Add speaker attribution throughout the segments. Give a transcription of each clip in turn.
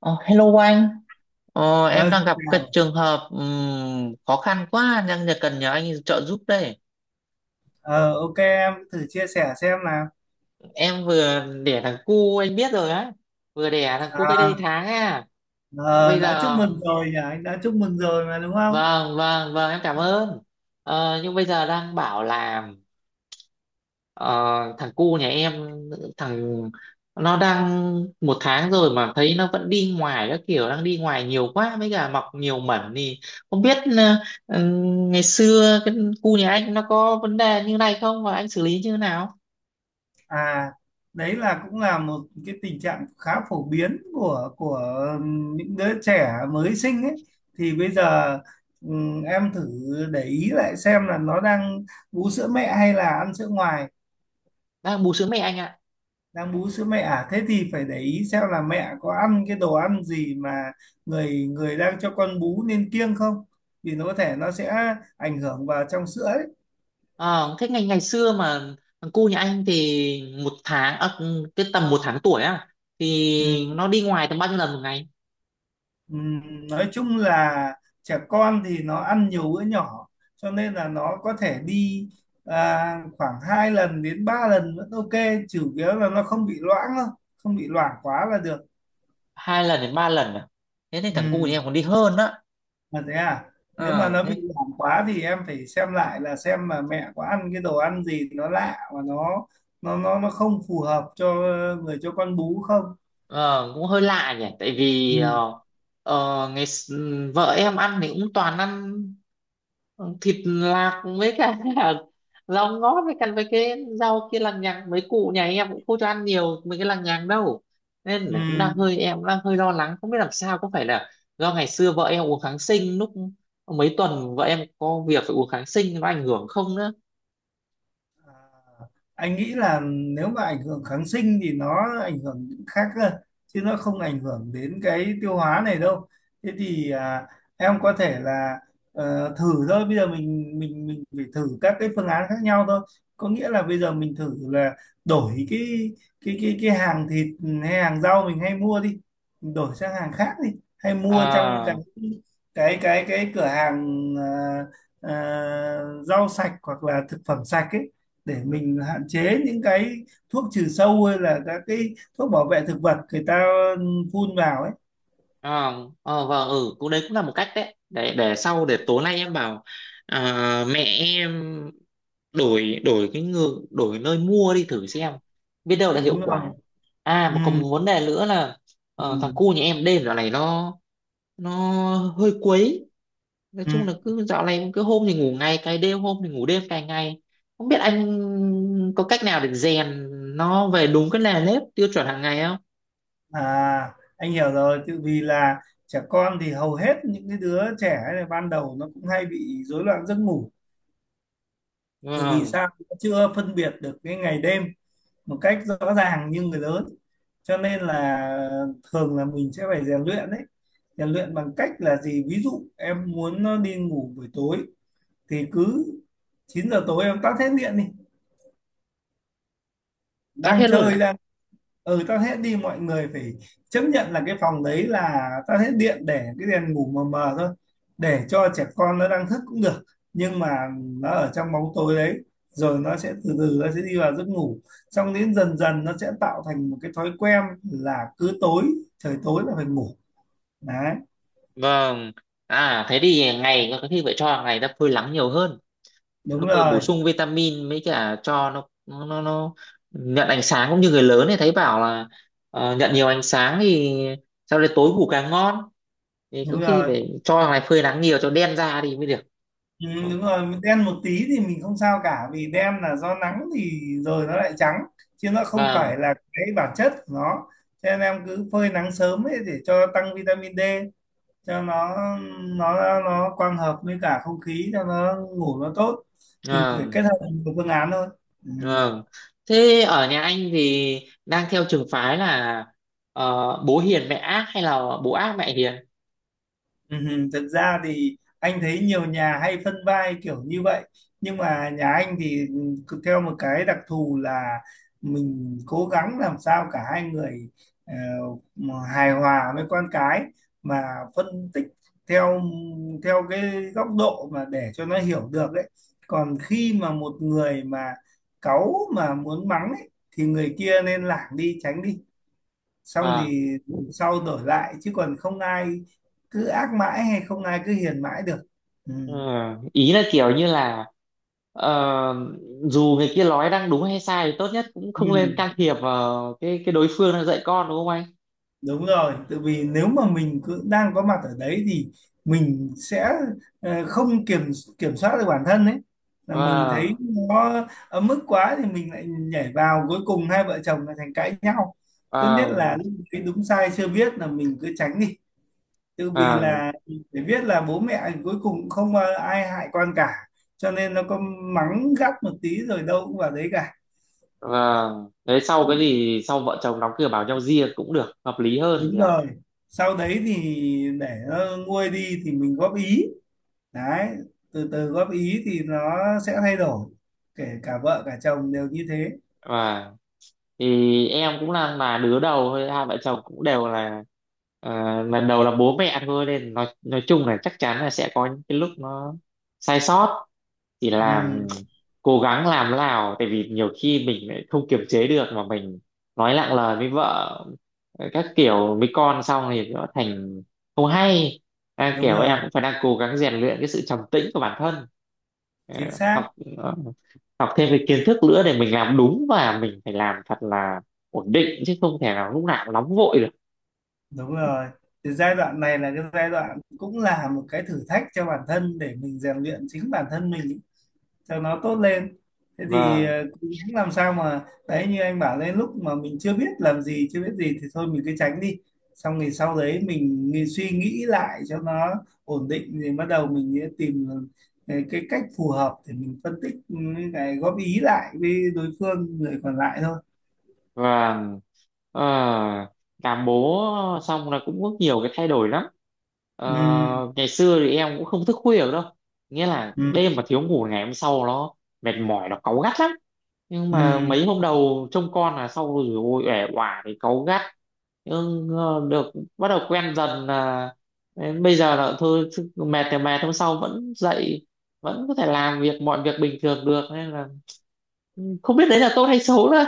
Speaker 1: Ờ, Hello anh, em
Speaker 2: Ờ, Xin
Speaker 1: đang gặp cái
Speaker 2: chào.
Speaker 1: trường hợp khó khăn quá đang cần nhờ anh trợ giúp đây.
Speaker 2: Ờ, ok, em thử chia sẻ xem nào.
Speaker 1: Em vừa đẻ thằng cu anh biết rồi á, vừa đẻ thằng cu cách đây
Speaker 2: à,
Speaker 1: tháng à.
Speaker 2: ờ,
Speaker 1: Bây
Speaker 2: đã chúc
Speaker 1: giờ
Speaker 2: mừng rồi nhỉ, anh đã chúc mừng rồi mà, đúng không?
Speaker 1: Vâng vâng vâng, em cảm ơn. Nhưng bây giờ đang bảo là, Ờ, thằng cu nhà em, thằng nó đang một tháng rồi mà thấy nó vẫn đi ngoài các kiểu, đang đi ngoài nhiều quá với cả mọc nhiều mẩn, thì không biết ừ, ngày xưa cu nhà anh nó có vấn đề như này không, và anh xử lý như thế nào?
Speaker 2: à Đấy là cũng là một cái tình trạng khá phổ biến của những đứa trẻ mới sinh ấy. Thì bây giờ em thử để ý lại xem là nó đang bú sữa mẹ hay là ăn sữa ngoài.
Speaker 1: Đang bú sữa mẹ anh ạ.
Speaker 2: Đang bú sữa mẹ à? Thế thì phải để ý xem là mẹ có ăn cái đồ ăn gì mà người người đang cho con bú nên kiêng không, vì nó có thể nó sẽ ảnh hưởng vào trong sữa ấy.
Speaker 1: Ờ, Thế ngày ngày xưa mà thằng cu nhà anh thì một tháng à, cái tầm một tháng tuổi á,
Speaker 2: Ừ,
Speaker 1: thì nó đi ngoài tầm bao nhiêu lần một ngày?
Speaker 2: ừ, nói chung là trẻ con thì nó ăn nhiều bữa nhỏ cho nên là nó có thể đi, khoảng 2 lần đến 3 lần vẫn ok. Chủ yếu là nó không bị loãng thôi, không bị loãng quá là được.
Speaker 1: 2 lần đến 3 lần à? Thế thì thằng cu nhà
Speaker 2: Ừ.
Speaker 1: em còn đi hơn á.
Speaker 2: Mà thế à? Nếu mà
Speaker 1: Ờ,
Speaker 2: nó bị
Speaker 1: Thế.
Speaker 2: giảm quá thì em phải xem lại là xem mà mẹ có ăn cái đồ ăn gì nó lạ và nó nó không phù hợp cho người cho con bú không?
Speaker 1: Ờ, Cũng hơi lạ nhỉ, tại vì
Speaker 2: Ừ.
Speaker 1: vợ em ăn thì cũng toàn ăn ờ, thịt lạc với cả rau ngót với cả với cái rau kia lằng nhằng, mấy cụ nhà em cũng không cho ăn nhiều mấy cái lằng nhằng đâu, nên
Speaker 2: Ừ.
Speaker 1: là cũng đang hơi, em cũng đang hơi lo lắng, không biết làm sao, có phải là do ngày xưa vợ em uống kháng sinh lúc mấy tuần, vợ em có việc phải uống kháng sinh nó ảnh hưởng không nữa
Speaker 2: À, anh nghĩ là nếu mà ảnh hưởng kháng sinh thì nó ảnh hưởng những khác cơ, chứ nó không ảnh hưởng đến cái tiêu hóa này đâu. Thế thì, em có thể là thử thôi. Bây giờ mình phải thử các cái phương án khác nhau thôi. Có nghĩa là bây giờ mình thử là đổi cái hàng thịt hay hàng rau mình hay mua đi, mình đổi sang hàng khác đi, hay mua trong cái
Speaker 1: à?
Speaker 2: cái cái cái cửa hàng ờ, rau sạch hoặc là thực phẩm sạch ấy, để mình hạn chế những cái thuốc trừ sâu hay là các cái thuốc bảo vệ thực vật người ta phun vào ấy.
Speaker 1: Ờ, vâng, cũng đấy cũng là một cách đấy. Để sau, để tối nay em bảo mẹ em đổi đổi cái ngược đổi nơi mua đi thử xem, biết đâu là hiệu
Speaker 2: Đúng rồi.
Speaker 1: quả. À
Speaker 2: Ừ.
Speaker 1: mà còn một vấn đề nữa là,
Speaker 2: Ừ.
Speaker 1: thằng cu nhà em đêm dạo này nó, nó hơi quấy. Nói
Speaker 2: Ừ.
Speaker 1: chung là cứ dạo này, cứ hôm thì ngủ ngày cày đêm, hôm thì ngủ đêm cày ngày, không biết anh có cách nào để rèn nó về đúng cái nề nếp tiêu chuẩn hàng ngày không?
Speaker 2: À, anh hiểu rồi, tự vì là trẻ con thì hầu hết những cái đứa trẻ này ban đầu nó cũng hay bị rối loạn giấc ngủ, tự vì
Speaker 1: Vâng,
Speaker 2: sao nó chưa phân biệt được cái ngày đêm một cách rõ ràng như người lớn, cho nên là thường là mình sẽ phải rèn luyện. Đấy, rèn luyện bằng cách là gì, ví dụ em muốn nó đi ngủ buổi tối thì cứ 9 giờ tối em tắt hết điện đi,
Speaker 1: tắt
Speaker 2: đang
Speaker 1: hết luôn?
Speaker 2: chơi đang tắt hết đi. Mọi người phải chấp nhận là cái phòng đấy là tắt hết điện, để cái đèn ngủ mờ mờ thôi, để cho trẻ con nó đang thức cũng được, nhưng mà nó ở trong bóng tối đấy, rồi nó sẽ từ từ nó sẽ đi vào giấc ngủ, xong đến dần dần nó sẽ tạo thành một cái thói quen là cứ tối, trời tối là phải ngủ. Đấy.
Speaker 1: Vâng. À thế thì ngày có khi phải cho, hàng ngày ta phơi nắng nhiều hơn. Nó
Speaker 2: Đúng
Speaker 1: vừa bổ
Speaker 2: rồi,
Speaker 1: sung vitamin mới cả cho nó nhận ánh sáng cũng như người lớn, thì thấy bảo là nhận nhiều ánh sáng thì sau đấy tối ngủ càng ngon. Thì có
Speaker 2: đúng
Speaker 1: khi
Speaker 2: rồi.
Speaker 1: phải cho thằng này phơi nắng nhiều cho đen da đi mới được.
Speaker 2: Ừ,
Speaker 1: Ừ.
Speaker 2: đúng rồi, đen một tí thì mình không sao cả, vì đen là do nắng thì rồi nó lại trắng, chứ nó không phải
Speaker 1: Vâng,
Speaker 2: là cái bản chất của nó. Cho nên em cứ phơi nắng sớm ấy để cho tăng vitamin D cho nó, nó nó quang hợp với cả không khí cho nó ngủ nó tốt. Mình phải
Speaker 1: vâng,
Speaker 2: kết hợp nhiều phương án thôi. Ừ.
Speaker 1: vâng. Thế ở nhà anh thì đang theo trường phái là, ờ, bố hiền mẹ ác hay là bố ác mẹ hiền?
Speaker 2: Ừ, thật ra thì anh thấy nhiều nhà hay phân vai kiểu như vậy, nhưng mà nhà anh thì cứ theo một cái đặc thù là mình cố gắng làm sao cả hai người ờ, mà hài hòa với con cái, mà phân tích theo theo cái góc độ mà để cho nó hiểu được ấy. Còn khi mà một người mà cáu mà muốn mắng ấy, thì người kia nên lảng đi tránh đi, xong
Speaker 1: Vâng.
Speaker 2: thì sau đổi lại, chứ còn không ai cứ ác mãi hay không ai cứ hiền mãi được. Ừ.
Speaker 1: Ờ, Ý là kiểu như là, ờ, dù người kia nói đang đúng hay sai thì tốt nhất cũng
Speaker 2: Ừ.
Speaker 1: không nên can thiệp vào cái đối phương đang dạy con, đúng không anh?
Speaker 2: Đúng rồi, tại vì nếu mà mình cứ đang có mặt ở đấy thì mình sẽ không kiểm kiểm soát được bản thân ấy, là mình thấy
Speaker 1: Vâng,
Speaker 2: nó ấm ức quá thì mình lại nhảy vào, cuối cùng hai vợ chồng lại thành cãi nhau. Tốt nhất là
Speaker 1: vâng,
Speaker 2: lúc ấy đúng sai chưa biết là mình cứ tránh đi. Tự vì
Speaker 1: vâng,
Speaker 2: là để biết là bố mẹ cuối cùng cũng không ai hại con cả, cho nên nó có mắng gắt một tí rồi đâu cũng vào đấy cả.
Speaker 1: vâng. Đấy, sau cái
Speaker 2: Ừ,
Speaker 1: gì sau vợ chồng đóng cửa bảo nhau riêng cũng được, hợp lý hơn
Speaker 2: đúng
Speaker 1: nhỉ?
Speaker 2: rồi. Sau đấy thì để nó nguôi đi thì mình góp ý, đấy, từ từ góp ý thì nó sẽ thay đổi, kể cả vợ cả chồng đều như thế.
Speaker 1: Vâng. Thì em cũng là đứa đầu thôi, hai vợ chồng cũng đều là, lần đầu là bố mẹ thôi, nên nói chung là chắc chắn là sẽ có những cái lúc nó sai sót, chỉ
Speaker 2: Ừ,
Speaker 1: là cố gắng làm thế nào, tại vì nhiều khi mình lại không kiềm chế được mà mình nói nặng lời với vợ, các kiểu với con, xong thì nó thành không hay.
Speaker 2: đúng
Speaker 1: Kiểu em
Speaker 2: rồi.
Speaker 1: cũng phải đang cố gắng rèn luyện cái sự trầm tĩnh của bản thân. Ờ,
Speaker 2: Chính xác.
Speaker 1: học ờ, Học thêm cái kiến thức nữa để mình làm đúng, và mình phải làm thật là ổn định chứ không thể nào lúc nào cũng nóng vội được.
Speaker 2: Đúng rồi. Thì giai đoạn này là cái giai đoạn cũng là một cái thử thách cho bản thân để mình rèn luyện chính bản thân mình cho nó tốt lên. Thế thì
Speaker 1: Vâng.
Speaker 2: cố gắng làm sao mà, đấy như anh bảo lên lúc mà mình chưa biết làm gì chưa biết gì thì thôi mình cứ tránh đi, xong thì sau đấy mình, suy nghĩ lại cho nó ổn định thì bắt đầu mình sẽ tìm cái cách phù hợp để mình phân tích, cái góp ý lại với đối phương người còn lại thôi.
Speaker 1: Và ờ, làm bố xong là cũng có nhiều cái thay đổi lắm. Ờ,
Speaker 2: Ừ,
Speaker 1: Ngày xưa thì em cũng không thức khuya được đâu, nghĩa là
Speaker 2: ừ,
Speaker 1: đêm mà thiếu ngủ ngày hôm sau nó mệt mỏi, nó cáu gắt lắm. Nhưng mà
Speaker 2: ừ.
Speaker 1: mấy hôm đầu trông con là sau rồi ôi ẻ oả thì cáu gắt, nhưng được, bắt đầu quen dần, là đến bây giờ là thôi chứ, mệt thì mệt hôm sau vẫn dậy, vẫn có thể làm việc mọi việc bình thường được, nên là không biết đấy là tốt hay xấu nữa.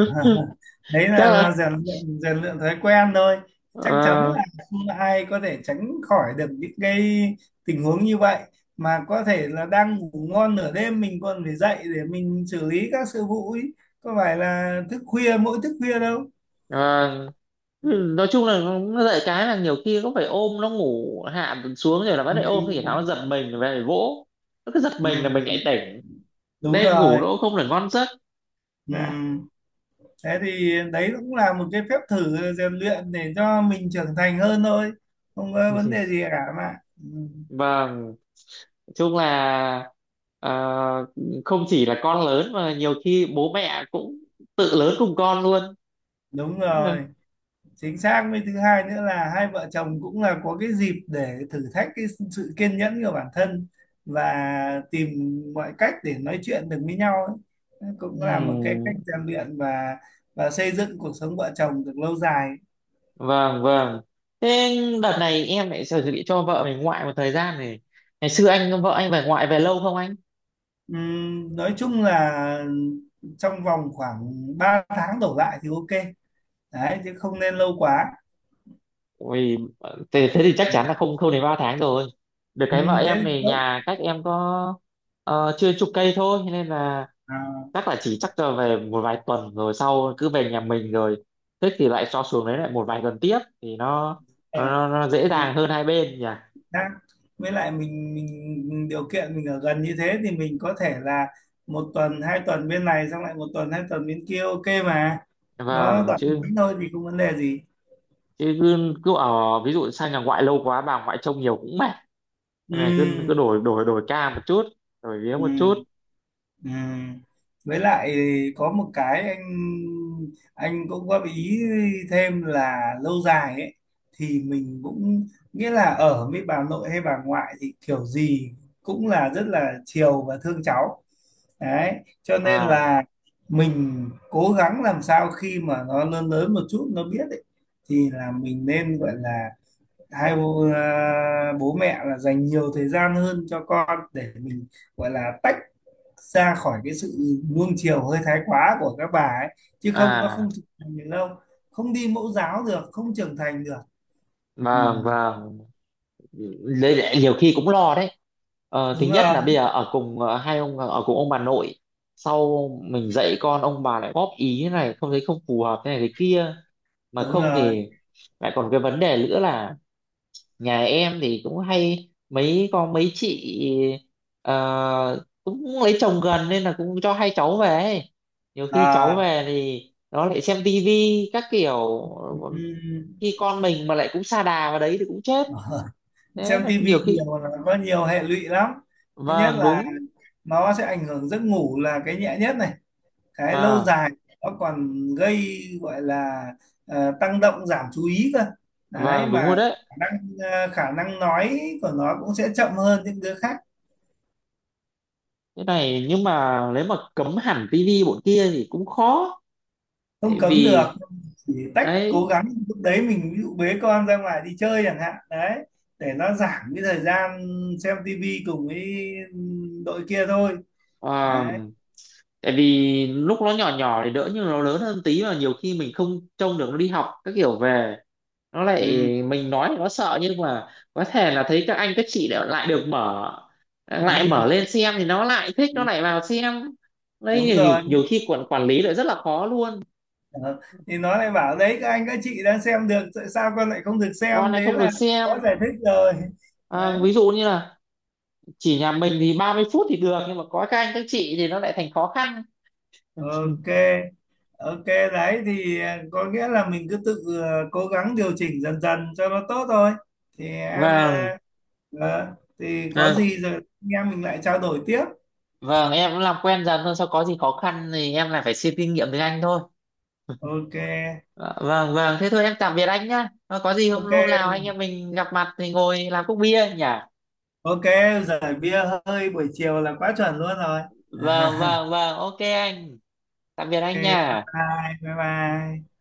Speaker 2: Đấy
Speaker 1: Chắc
Speaker 2: là
Speaker 1: là
Speaker 2: rèn luyện thói quen thôi. Chắc chắn
Speaker 1: ờ,
Speaker 2: là không ai có thể tránh khỏi được những cái tình huống như vậy, mà có thể là đang ngủ ngon nửa đêm mình còn phải dậy để mình xử lý các sự vụ ấy, có phải là thức khuya mỗi thức khuya đâu.
Speaker 1: ờ, ừ, nói chung là nó dạy cái là nhiều khi cũng phải ôm nó ngủ hạ xuống rồi là bắt lại ôm, thì tháo nó
Speaker 2: Ừ,
Speaker 1: giật mình về vỗ, nó cứ giật
Speaker 2: ừ,
Speaker 1: mình là mình lại tỉnh,
Speaker 2: đúng
Speaker 1: đêm ngủ
Speaker 2: rồi.
Speaker 1: nó cũng không được ngon giấc.
Speaker 2: Ừ.
Speaker 1: Dạ.
Speaker 2: Thế thì đấy cũng là một cái phép thử rèn luyện để cho mình trưởng thành hơn thôi, không có vấn đề gì cả mà. Ừ,
Speaker 1: Vâng, nói chung là ờ, không chỉ là con lớn mà nhiều khi bố mẹ cũng tự lớn cùng con luôn.
Speaker 2: đúng rồi. Chính xác. Với thứ hai nữa là hai vợ chồng cũng là có cái dịp để thử thách cái sự kiên nhẫn của bản thân và tìm mọi cách để nói chuyện được với nhau ấy. Cũng là một cái
Speaker 1: Ừm.
Speaker 2: cách rèn luyện và xây dựng cuộc sống vợ chồng được lâu dài.
Speaker 1: Vâng, vâng. Thế đợt này em lại chuẩn bị cho vợ mình ngoại một thời gian này. Ngày xưa anh, vợ anh về ngoại về lâu không anh?
Speaker 2: Nói chung là trong vòng khoảng 3 tháng đổ lại thì ok, đấy, chứ không nên lâu quá.
Speaker 1: Ui, thế thì chắc
Speaker 2: Ừ.
Speaker 1: chắn là không không đến 3 tháng rồi. Được cái vợ
Speaker 2: Thế
Speaker 1: em
Speaker 2: thì
Speaker 1: này,
Speaker 2: tốt.
Speaker 1: nhà cách em có chưa chục cây thôi, nên là
Speaker 2: à,
Speaker 1: chắc là về một vài tuần rồi sau cứ về nhà mình rồi, thích thì lại cho xuống đấy lại một vài tuần tiếp, thì nó
Speaker 2: à.
Speaker 1: nó, nó dễ dàng hơn hai bên nhỉ.
Speaker 2: Xác. Với lại mình điều kiện mình ở gần như thế thì mình có thể là 1 tuần 2 tuần bên này, xong lại 1 tuần 2 tuần bên kia, ok mà. Nó
Speaker 1: Vâng.
Speaker 2: đoạn
Speaker 1: chứ
Speaker 2: ngắn thôi thì không vấn đề gì.
Speaker 1: chứ cứ ở ví dụ sang nhà ngoại lâu quá bà ngoại trông nhiều cũng mệt. Nên là cứ cứ
Speaker 2: Ừ,
Speaker 1: đổi đổi đổi ca một chút, đổi vía
Speaker 2: ừ,
Speaker 1: một chút.
Speaker 2: ừ. Với lại có một cái anh cũng góp ý thêm là lâu dài ấy, thì mình cũng nghĩa là ở với bà nội hay bà ngoại thì kiểu gì cũng là rất là chiều và thương cháu, đấy, cho nên
Speaker 1: À,
Speaker 2: là mình cố gắng làm sao khi mà nó lớn lớn một chút nó biết ấy, thì là mình nên gọi là bố mẹ là dành nhiều thời gian hơn cho con, để mình gọi là tách ra khỏi cái sự nuông chiều hơi thái quá của các bà ấy, chứ không nó
Speaker 1: à,
Speaker 2: không trưởng thành được đâu, không đi mẫu giáo được không trưởng thành được. Ừ,
Speaker 1: vâng, vâng. Lấy lại nhiều khi cũng lo đấy. Thứ
Speaker 2: đúng
Speaker 1: nhất là
Speaker 2: rồi,
Speaker 1: bây giờ ở cùng, hai ông, ở cùng ông bà nội, sau mình dạy con ông bà lại góp ý thế này không thấy không phù hợp thế này thế kia, mà
Speaker 2: đúng
Speaker 1: không
Speaker 2: rồi.
Speaker 1: thì lại còn cái vấn đề nữa là nhà em thì cũng hay mấy con mấy chị cũng lấy chồng gần, nên là cũng cho hai cháu về ấy. Nhiều khi cháu
Speaker 2: à,
Speaker 1: về thì nó lại xem tivi các kiểu,
Speaker 2: ừ,
Speaker 1: khi con mình mà lại cũng sa đà vào đấy thì cũng chết. Đấy
Speaker 2: xem
Speaker 1: là
Speaker 2: tivi
Speaker 1: nhiều khi.
Speaker 2: nhiều là có nhiều hệ lụy lắm. Thứ nhất
Speaker 1: Vâng
Speaker 2: là
Speaker 1: đúng.
Speaker 2: nó sẽ ảnh hưởng giấc ngủ là cái nhẹ nhất này, cái lâu
Speaker 1: Vâng,
Speaker 2: dài nó còn gây gọi là tăng động giảm chú ý cơ, đấy
Speaker 1: vâng, đúng
Speaker 2: mà.
Speaker 1: rồi đấy.
Speaker 2: khả năng Khả năng nói của nó cũng sẽ chậm hơn những đứa khác.
Speaker 1: Cái này nhưng mà nếu mà cấm hẳn tivi bọn kia thì cũng khó,
Speaker 2: Không
Speaker 1: tại
Speaker 2: cấm được,
Speaker 1: vì
Speaker 2: chỉ tách, cố
Speaker 1: đấy,
Speaker 2: gắng lúc đấy mình ví dụ bế con ra ngoài đi chơi chẳng hạn, đấy, để nó giảm cái thời gian xem tivi cùng với đội kia thôi.
Speaker 1: ờ,
Speaker 2: Đấy.
Speaker 1: tại vì lúc nó nhỏ nhỏ thì đỡ, nhưng nó lớn hơn tí mà nhiều khi mình không trông được nó đi học các kiểu về, nó lại, mình nói thì nó sợ, nhưng mà có thể là thấy các anh các chị lại lại được mở, lại mở
Speaker 2: Ừ.
Speaker 1: lên xem thì nó lại thích nó lại vào xem. Đấy
Speaker 2: Đúng
Speaker 1: nhiều, nhiều,
Speaker 2: rồi.
Speaker 1: nhiều khi quản quản lý lại rất là khó luôn.
Speaker 2: Ờ, thì nó lại bảo, đấy các anh các chị đang xem được tại sao con lại không được
Speaker 1: Con
Speaker 2: xem,
Speaker 1: này
Speaker 2: thế
Speaker 1: không
Speaker 2: là
Speaker 1: được
Speaker 2: có
Speaker 1: xem.
Speaker 2: giải thích rồi. Đấy,
Speaker 1: Ví dụ như là chỉ nhà mình thì 30 phút thì được, nhưng mà có các anh các chị thì nó lại thành khó khăn.
Speaker 2: ok, ok. Đấy thì có nghĩa là mình cứ tự cố gắng điều chỉnh dần dần cho nó tốt thôi. Thì em
Speaker 1: Vâng.
Speaker 2: thì có
Speaker 1: à,
Speaker 2: gì rồi anh em mình lại trao đổi tiếp.
Speaker 1: vâng em cũng làm quen dần thôi, sau có gì khó khăn thì em lại phải xin kinh nghiệm từ anh thôi.
Speaker 2: Ok,
Speaker 1: Ờ, vâng vâng, thế thôi em tạm biệt anh nhá. Ờ, có gì hôm
Speaker 2: ok,
Speaker 1: hôm nào anh em mình gặp mặt thì ngồi làm cốc bia nhỉ.
Speaker 2: ok. Giải bia hơi buổi chiều là quá chuẩn luôn rồi.
Speaker 1: Vâng vâng vâng, ok anh, tạm biệt
Speaker 2: Ok,
Speaker 1: anh
Speaker 2: bye
Speaker 1: nha.
Speaker 2: bye bye bye.